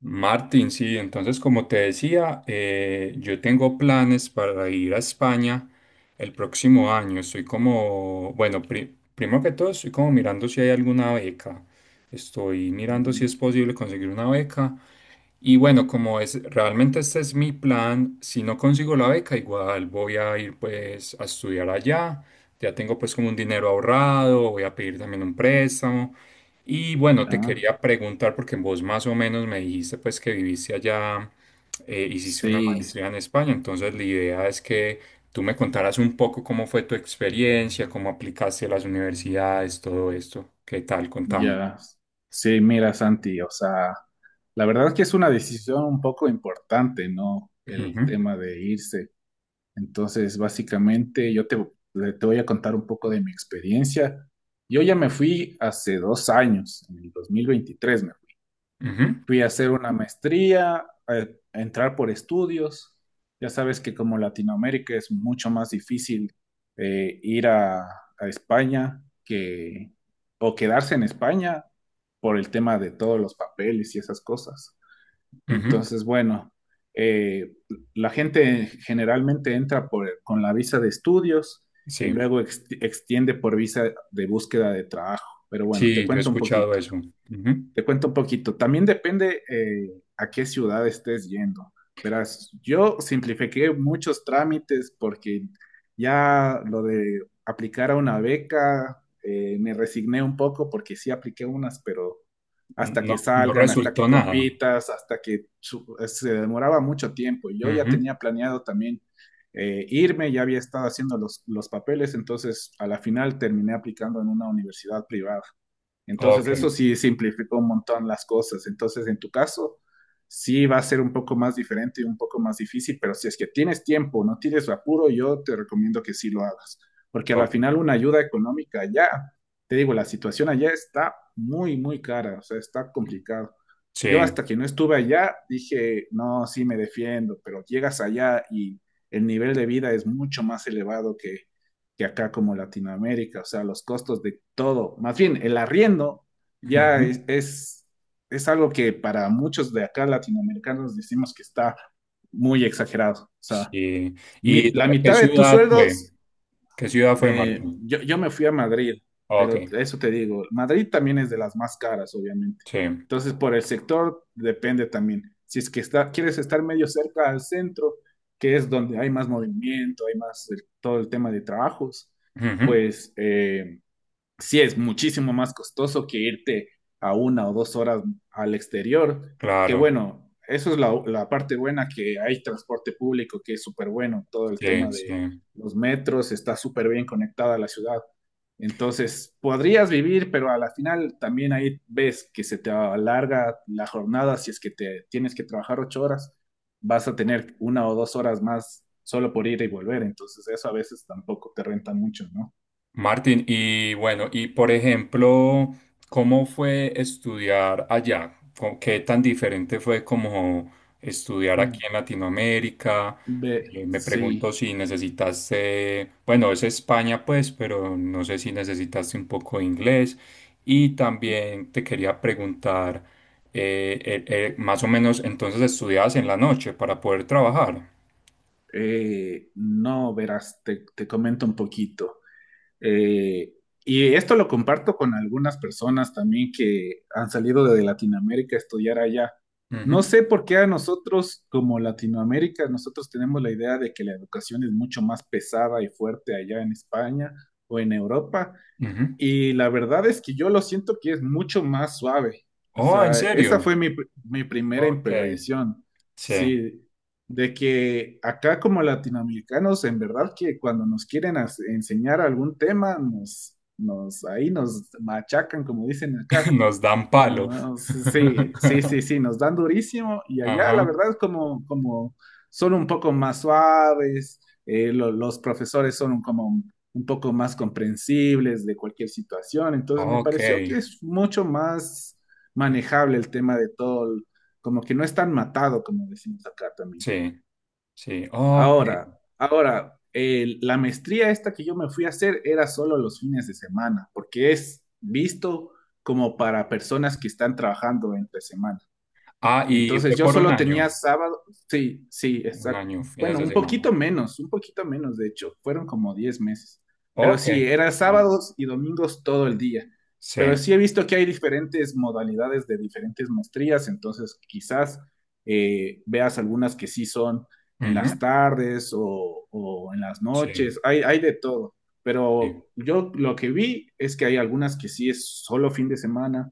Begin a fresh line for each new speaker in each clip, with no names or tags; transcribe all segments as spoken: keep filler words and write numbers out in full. Martín, sí, entonces como te decía, eh, yo tengo planes para ir a España el próximo año. Estoy como, bueno, pri- primero que todo estoy como mirando si hay alguna beca. Estoy
Ya,
mirando si es posible conseguir una beca y bueno, como es realmente este es mi plan, si no consigo la beca, igual voy a ir pues a estudiar allá. Ya tengo pues como un dinero ahorrado, voy a pedir también un préstamo. Y bueno, te
ya.
quería preguntar porque vos más o menos me dijiste pues que viviste allá, eh, hiciste una
sí,
maestría en España, entonces la idea es que tú me contaras un poco cómo fue tu experiencia, cómo aplicaste a las universidades, todo esto. ¿Qué tal? Contame.
ya. Sí, mira, Santi, o sea, la verdad es que es una decisión un poco importante, ¿no? El
Ujú,
tema de irse. Entonces, básicamente, yo te, te voy a contar un poco de mi experiencia. Yo ya me fui hace dos años, en el dos mil veintitrés,
ujú,
fui a hacer una maestría, eh, a entrar por estudios. Ya sabes que como Latinoamérica es mucho más difícil eh, ir a, a España que, o quedarse en España por el tema de todos los papeles y esas cosas.
ujú.
Entonces, bueno, eh, la gente generalmente entra por- con la visa de estudios y
Sí.
luego ex- extiende por visa de búsqueda de trabajo. Pero bueno, te
Sí, yo he
cuento un
escuchado
poquito.
eso. Ujú.
Te cuento un poquito. También depende eh, a qué ciudad estés yendo. Verás, yo simplifiqué muchos trámites porque ya lo de aplicar a una beca, eh, me resigné un poco porque sí apliqué unas, pero hasta que
No, no
salgan, hasta que
resultó nada.
compitas, hasta que su- se demoraba mucho tiempo. Yo ya
Ujú.
tenía planeado también eh, irme, ya había estado haciendo los, los papeles, entonces a la final terminé aplicando en una universidad privada. Entonces,
Ok,
eso sí simplificó un montón las cosas. Entonces, en tu caso, sí va a ser un poco más diferente y un poco más difícil, pero si es que tienes tiempo, no tienes apuro, yo te recomiendo que sí lo hagas, porque a la
ok.
final una ayuda económica allá, te digo, la situación allá está muy, muy cara, o sea, está complicado. Yo
Sí.
hasta que no estuve allá dije, no, sí me defiendo, pero llegas allá y el nivel de vida es mucho más elevado que, que acá como Latinoamérica, o sea, los costos de todo, más bien el arriendo ya
Ujú.
es, es, es algo que para muchos de acá latinoamericanos decimos que está muy exagerado, o sea,
Sí.
mi,
¿Y
la
qué
mitad de tus
ciudad fue?
sueldos
¿Qué ciudad fue,
eh,
Martín?
yo, yo me fui a Madrid,
Ok,
pero eso te digo, Madrid también es de las más caras, obviamente.
sí.
Entonces, por el sector depende también. Si es que está, quieres estar medio cerca al centro, que es donde hay más movimiento, hay más el- todo el tema de trabajos,
Ujú.
pues eh, sí es muchísimo más costoso que irte a una o dos horas al exterior, que
Claro,
bueno, eso es la, la parte buena, que hay transporte público, que es súper bueno, todo el tema
sí,
de
sí.
los metros, está súper bien conectada a la ciudad. Entonces, podrías vivir, pero a la final también ahí ves que se te alarga la jornada, si es que te tienes que trabajar ocho horas, vas a tener una o dos horas más solo por ir y volver, entonces eso a veces tampoco te renta mucho,
Martín, y bueno, y por ejemplo, ¿cómo fue estudiar allá? ¿Con- ¿Qué tan diferente fue como estudiar
¿no?
aquí en Latinoamérica?
Ve,
Eh, me pregunto
sí,
si necesitaste, bueno, es España pues, pero no sé si necesitaste un poco de inglés. Y también te quería preguntar, eh, eh, eh, más o menos, entonces estudiabas en la noche para poder trabajar.
eh, no, verás, te, te comento un poquito. Eh, y esto lo comparto con algunas personas también que han salido de Latinoamérica a estudiar allá. No
Ujú,
sé por qué a nosotros, como Latinoamérica, nosotros tenemos la idea de que la educación es mucho más pesada y fuerte allá en España o en Europa.
ujú.
Y la verdad es que yo lo siento que es mucho más suave. O
Oh, ¿en
sea, esa
serio?
fue mi, pr- mi primera
Ok,
impresión.
sí.
Sí, de que acá como latinoamericanos, en verdad que cuando nos quieren as- enseñar algún tema, nos, nos, ahí nos machacan, como dicen acá.
Nos dan palo.
Como, sí, sí, sí, sí, nos dan durísimo y allá la
Ajá.
verdad es como, como son un poco más suaves, eh, lo- los profesores son un- como un, un poco más comprensibles de cualquier situación, entonces me
Ok.
pareció que es mucho más manejable el tema de todo, el- como que no es tan matado como decimos acá también.
Sí, sí. Ok.
Ahora, ahora, el- la maestría esta que yo me fui a hacer era solo los fines de semana, porque es visto como para personas que están trabajando entre semana.
Ah, y fue
Entonces yo
por un
solo tenía
año.
sábado, sí, sí,
Un
exacto.
año, fines
Bueno,
de
un
semana.
poquito menos, un poquito menos, de hecho, fueron como diez meses. Pero
Ok.
sí, era
Mm,
sábados y domingos todo el día. Pero
sí.
sí he visto que hay diferentes modalidades de diferentes maestrías, entonces quizás eh, veas algunas que sí son en
Ujú,
las tardes o, o en las
sí,
noches, hay, hay de todo.
sí.
Pero yo lo que vi es que hay algunas que sí es solo fin de semana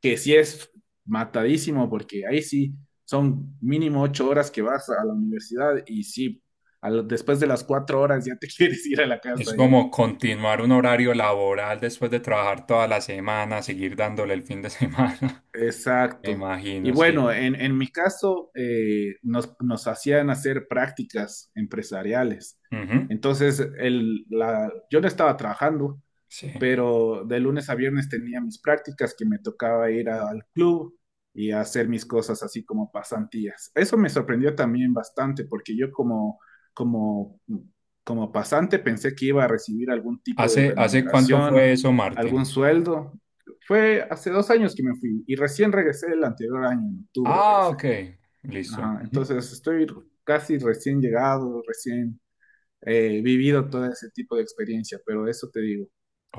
que sí es matadísimo, porque ahí sí son mínimo ocho horas que vas a la universidad y sí, a lo- después de las cuatro horas ya te quieres ir a la casa
Es
ya.
como continuar un horario laboral después de trabajar toda la semana, seguir dándole el fin de semana. Me
Exacto. Y
imagino,
bueno,
sí.
en, en mi caso, eh, nos, nos hacían hacer prácticas empresariales.
Ujú,
Entonces, el, la, yo no estaba trabajando,
sí.
pero de lunes a viernes tenía mis prácticas que me tocaba ir a- al club y hacer mis cosas así como pasantías. Eso me sorprendió también bastante porque yo como, como, como pasante pensé que iba a recibir algún tipo de
¿Hace, hace cuánto fue
remuneración,
eso,
algún
Martín?
sueldo. Fue hace dos años que me fui y recién regresé el anterior año, en octubre
Ah,
regresé.
ok. Listo.
Ajá,
Ujú.
entonces estoy casi recién llegado, recién eh, vivido todo ese tipo de experiencia, pero eso te digo.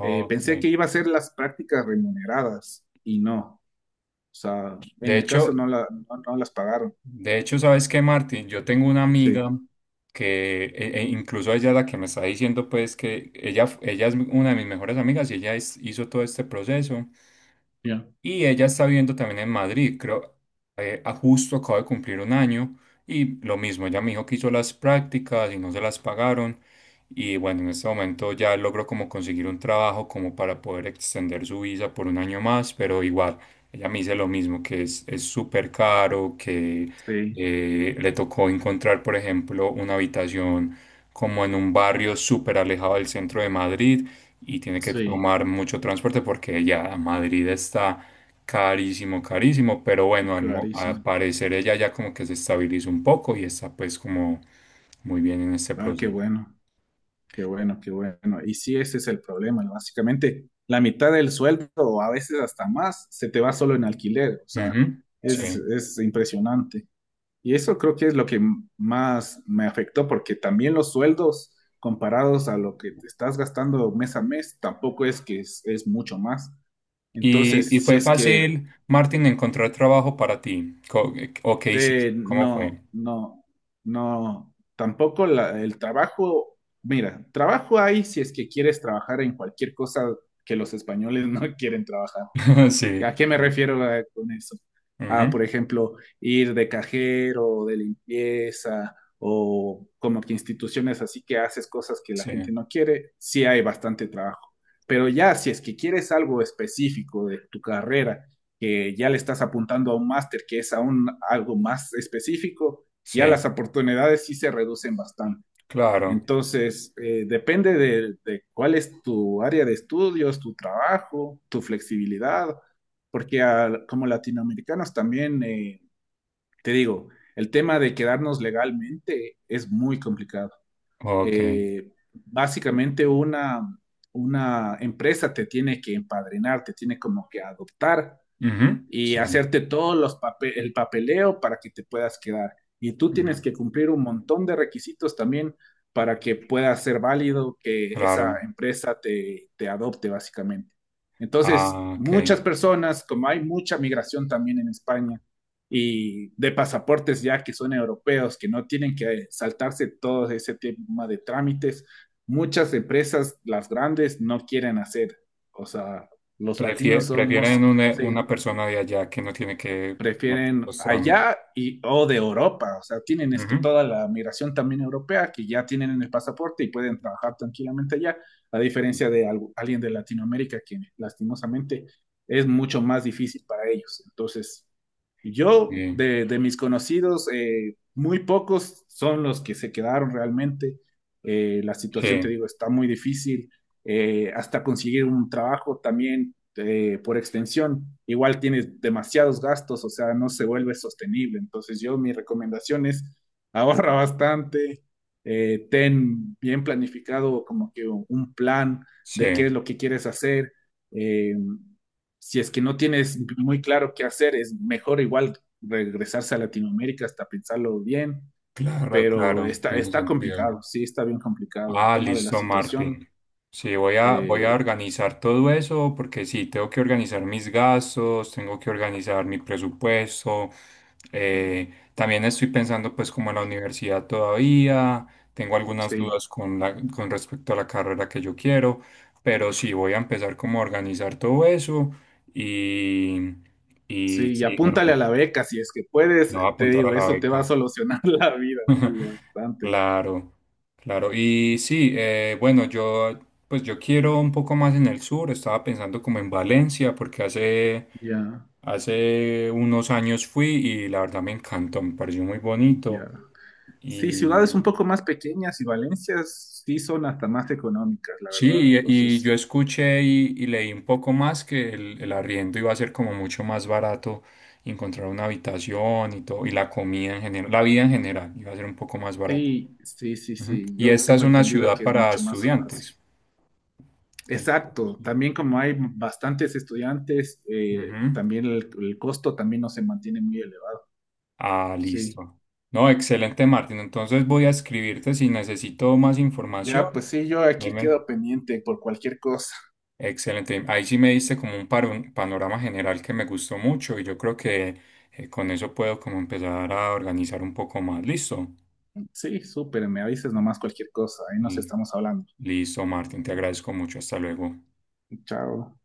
Eh, pensé que iba a ser las prácticas remuneradas y no. O sea, en
De
mi
hecho,
caso no, la, no, no las pagaron.
de hecho, ¿sabes qué, Martín? Yo tengo una amiga
Sí,
que e- e incluso ella es la que me está diciendo pues que ella, ella es una de mis mejores amigas y ella es- hizo todo este proceso.
ya,
Y ella está viviendo también en Madrid, creo, eh, a justo acaba de cumplir un año y lo mismo, ella me dijo que hizo las prácticas y no se las pagaron y bueno, en este momento ya logró como conseguir un trabajo como para poder extender su visa por un año más, pero igual, ella me dice lo mismo, que es es súper caro, que
sí,
eh, le tocó encontrar, por ejemplo, una habitación como en un barrio súper alejado del centro de Madrid y tiene que
sí,
tomar mucho transporte porque ya Madrid está carísimo, carísimo, pero bueno, al, mo- al
clarísimo.
parecer ella ya como que se estabilizó un poco y está pues como muy bien en este
Ah, qué
proceso.
bueno, qué bueno, qué bueno. Y sí, ese es el problema, ¿no? Básicamente, la mitad del sueldo, o a veces hasta más, se te va solo en alquiler. O sea,
Ujú, sí.
es, es impresionante. Y eso creo que es lo que más me afectó, porque también los sueldos comparados a lo que te estás gastando mes a mes, tampoco es que es, es mucho más.
¿Y, y
Entonces, si
fue
es que
fácil, Martín, encontrar trabajo para ti? Co- eh, ¿O qué hiciste?
eh,
¿Cómo
no,
fue?
no, no, tampoco la- el trabajo, mira, trabajo hay si es que quieres trabajar en cualquier cosa que los españoles no quieren trabajar.
Sí.
¿A qué me
Sí,
refiero eh, con eso? A, por
ujú,
ejemplo, ir de cajero, de limpieza, o como que instituciones así que haces cosas que la
sí,
gente no quiere, sí hay bastante trabajo. Pero ya, si es que quieres algo específico de tu carrera, que ya le estás apuntando a un máster, que es aún algo más específico, ya las
sí,
oportunidades sí se reducen bastante.
claro.
Entonces, eh, depende de, de cuál es tu área de estudios, tu trabajo, tu flexibilidad, porque al- como latinoamericanos también, eh, te digo, el tema de quedarnos legalmente es muy complicado.
Ok.
Eh, básicamente una, una empresa te tiene que empadrinar, te tiene como que adoptar
Ujú,
y
sí,
hacerte todo los pape- el papeleo para que te puedas quedar. Y tú
ujú,
tienes que cumplir un montón de requisitos también para que pueda ser válido que esa
claro.
empresa te, te adopte básicamente. Entonces,
Ah, ok.
muchas personas, como hay mucha migración también en España y de pasaportes ya que son europeos, que no tienen que saltarse todo ese tema de trámites, muchas empresas, las grandes, no quieren hacer. O sea, los
Prefie-
latinos somos...
prefieren una,
Sí,
una persona de allá que no tiene que hacer
prefieren
los trámites.
allá y o de Europa, o sea, tienen es
Ujú.
que toda la migración también europea que ya tienen en el pasaporte y pueden trabajar tranquilamente allá, a diferencia de algo- alguien de Latinoamérica que lastimosamente es mucho más difícil para ellos. Entonces, yo
Sí,
de, de mis conocidos, eh, muy pocos son los que se quedaron realmente. Eh, la situación, te
sí,
digo, está muy difícil. Eh, hasta conseguir un trabajo también eh, por extensión, igual tienes demasiados gastos, o sea, no se vuelve sostenible. Entonces yo mi recomendación es ahorra bastante, eh, ten bien planificado como que un plan de qué
sí,
es lo que quieres hacer. Eh, si es que no tienes muy claro qué hacer, es mejor igual regresarse a Latinoamérica hasta pensarlo bien,
claro,
pero
claro,
está,
tiene
está
sentido.
complicado, sí, está bien complicado. El
Ah,
tema de la
listo, Martín.
situación,
Sí, voy a, voy a
eh,
organizar todo eso porque sí, tengo que organizar mis gastos, tengo que organizar mi presupuesto. eh, también estoy pensando pues como en la universidad todavía, tengo algunas
sí.
dudas con la, con respecto a la carrera que yo quiero, pero sí, voy a empezar como a organizar todo eso y, y
Sí, y
sí, claro,
apúntale a
me
la beca si es que puedes,
voy a
te
apuntar a
digo,
la
eso te va a
beca.
solucionar la vida, sí, bastante.
Claro, claro. Y sí, eh, bueno, yo pues yo quiero un poco más en el sur, estaba pensando como en Valencia, porque hace,
Ya,
hace unos años fui y la verdad me encantó, me pareció muy bonito.
ya. Sí, ciudades
Y
un poco más pequeñas y Valencias sí son hasta más económicas, la
sí,
verdad.
y, y yo
Entonces,
escuché y, y leí un poco más que el, el arriendo iba a ser como mucho más barato encontrar una habitación y todo, y la comida en general, la vida en general iba a ser un poco más barata.
sí, sí, sí,
Ujú.
sí,
Y
yo
esta es
tengo
una
entendido
ciudad
que es
para
mucho más fácil.
estudiantes.
Exacto,
Entonces,
también como hay bastantes estudiantes, eh,
ujú.
también el, el costo también no se mantiene muy elevado.
Ah,
Sí,
listo. No, excelente, Martín. Entonces voy a escribirte si necesito más información.
ya, pues sí, yo aquí
Dime.
quedo pendiente por cualquier cosa.
Excelente. Ahí sí me diste como un paro- panorama general que me gustó mucho y yo creo que eh, con eso puedo como empezar a organizar un poco más. Listo.
Sí, súper, me avises nomás cualquier cosa, ahí nos
Y-
estamos hablando.
Listo, Martín. Te agradezco mucho. Hasta luego.
Chao.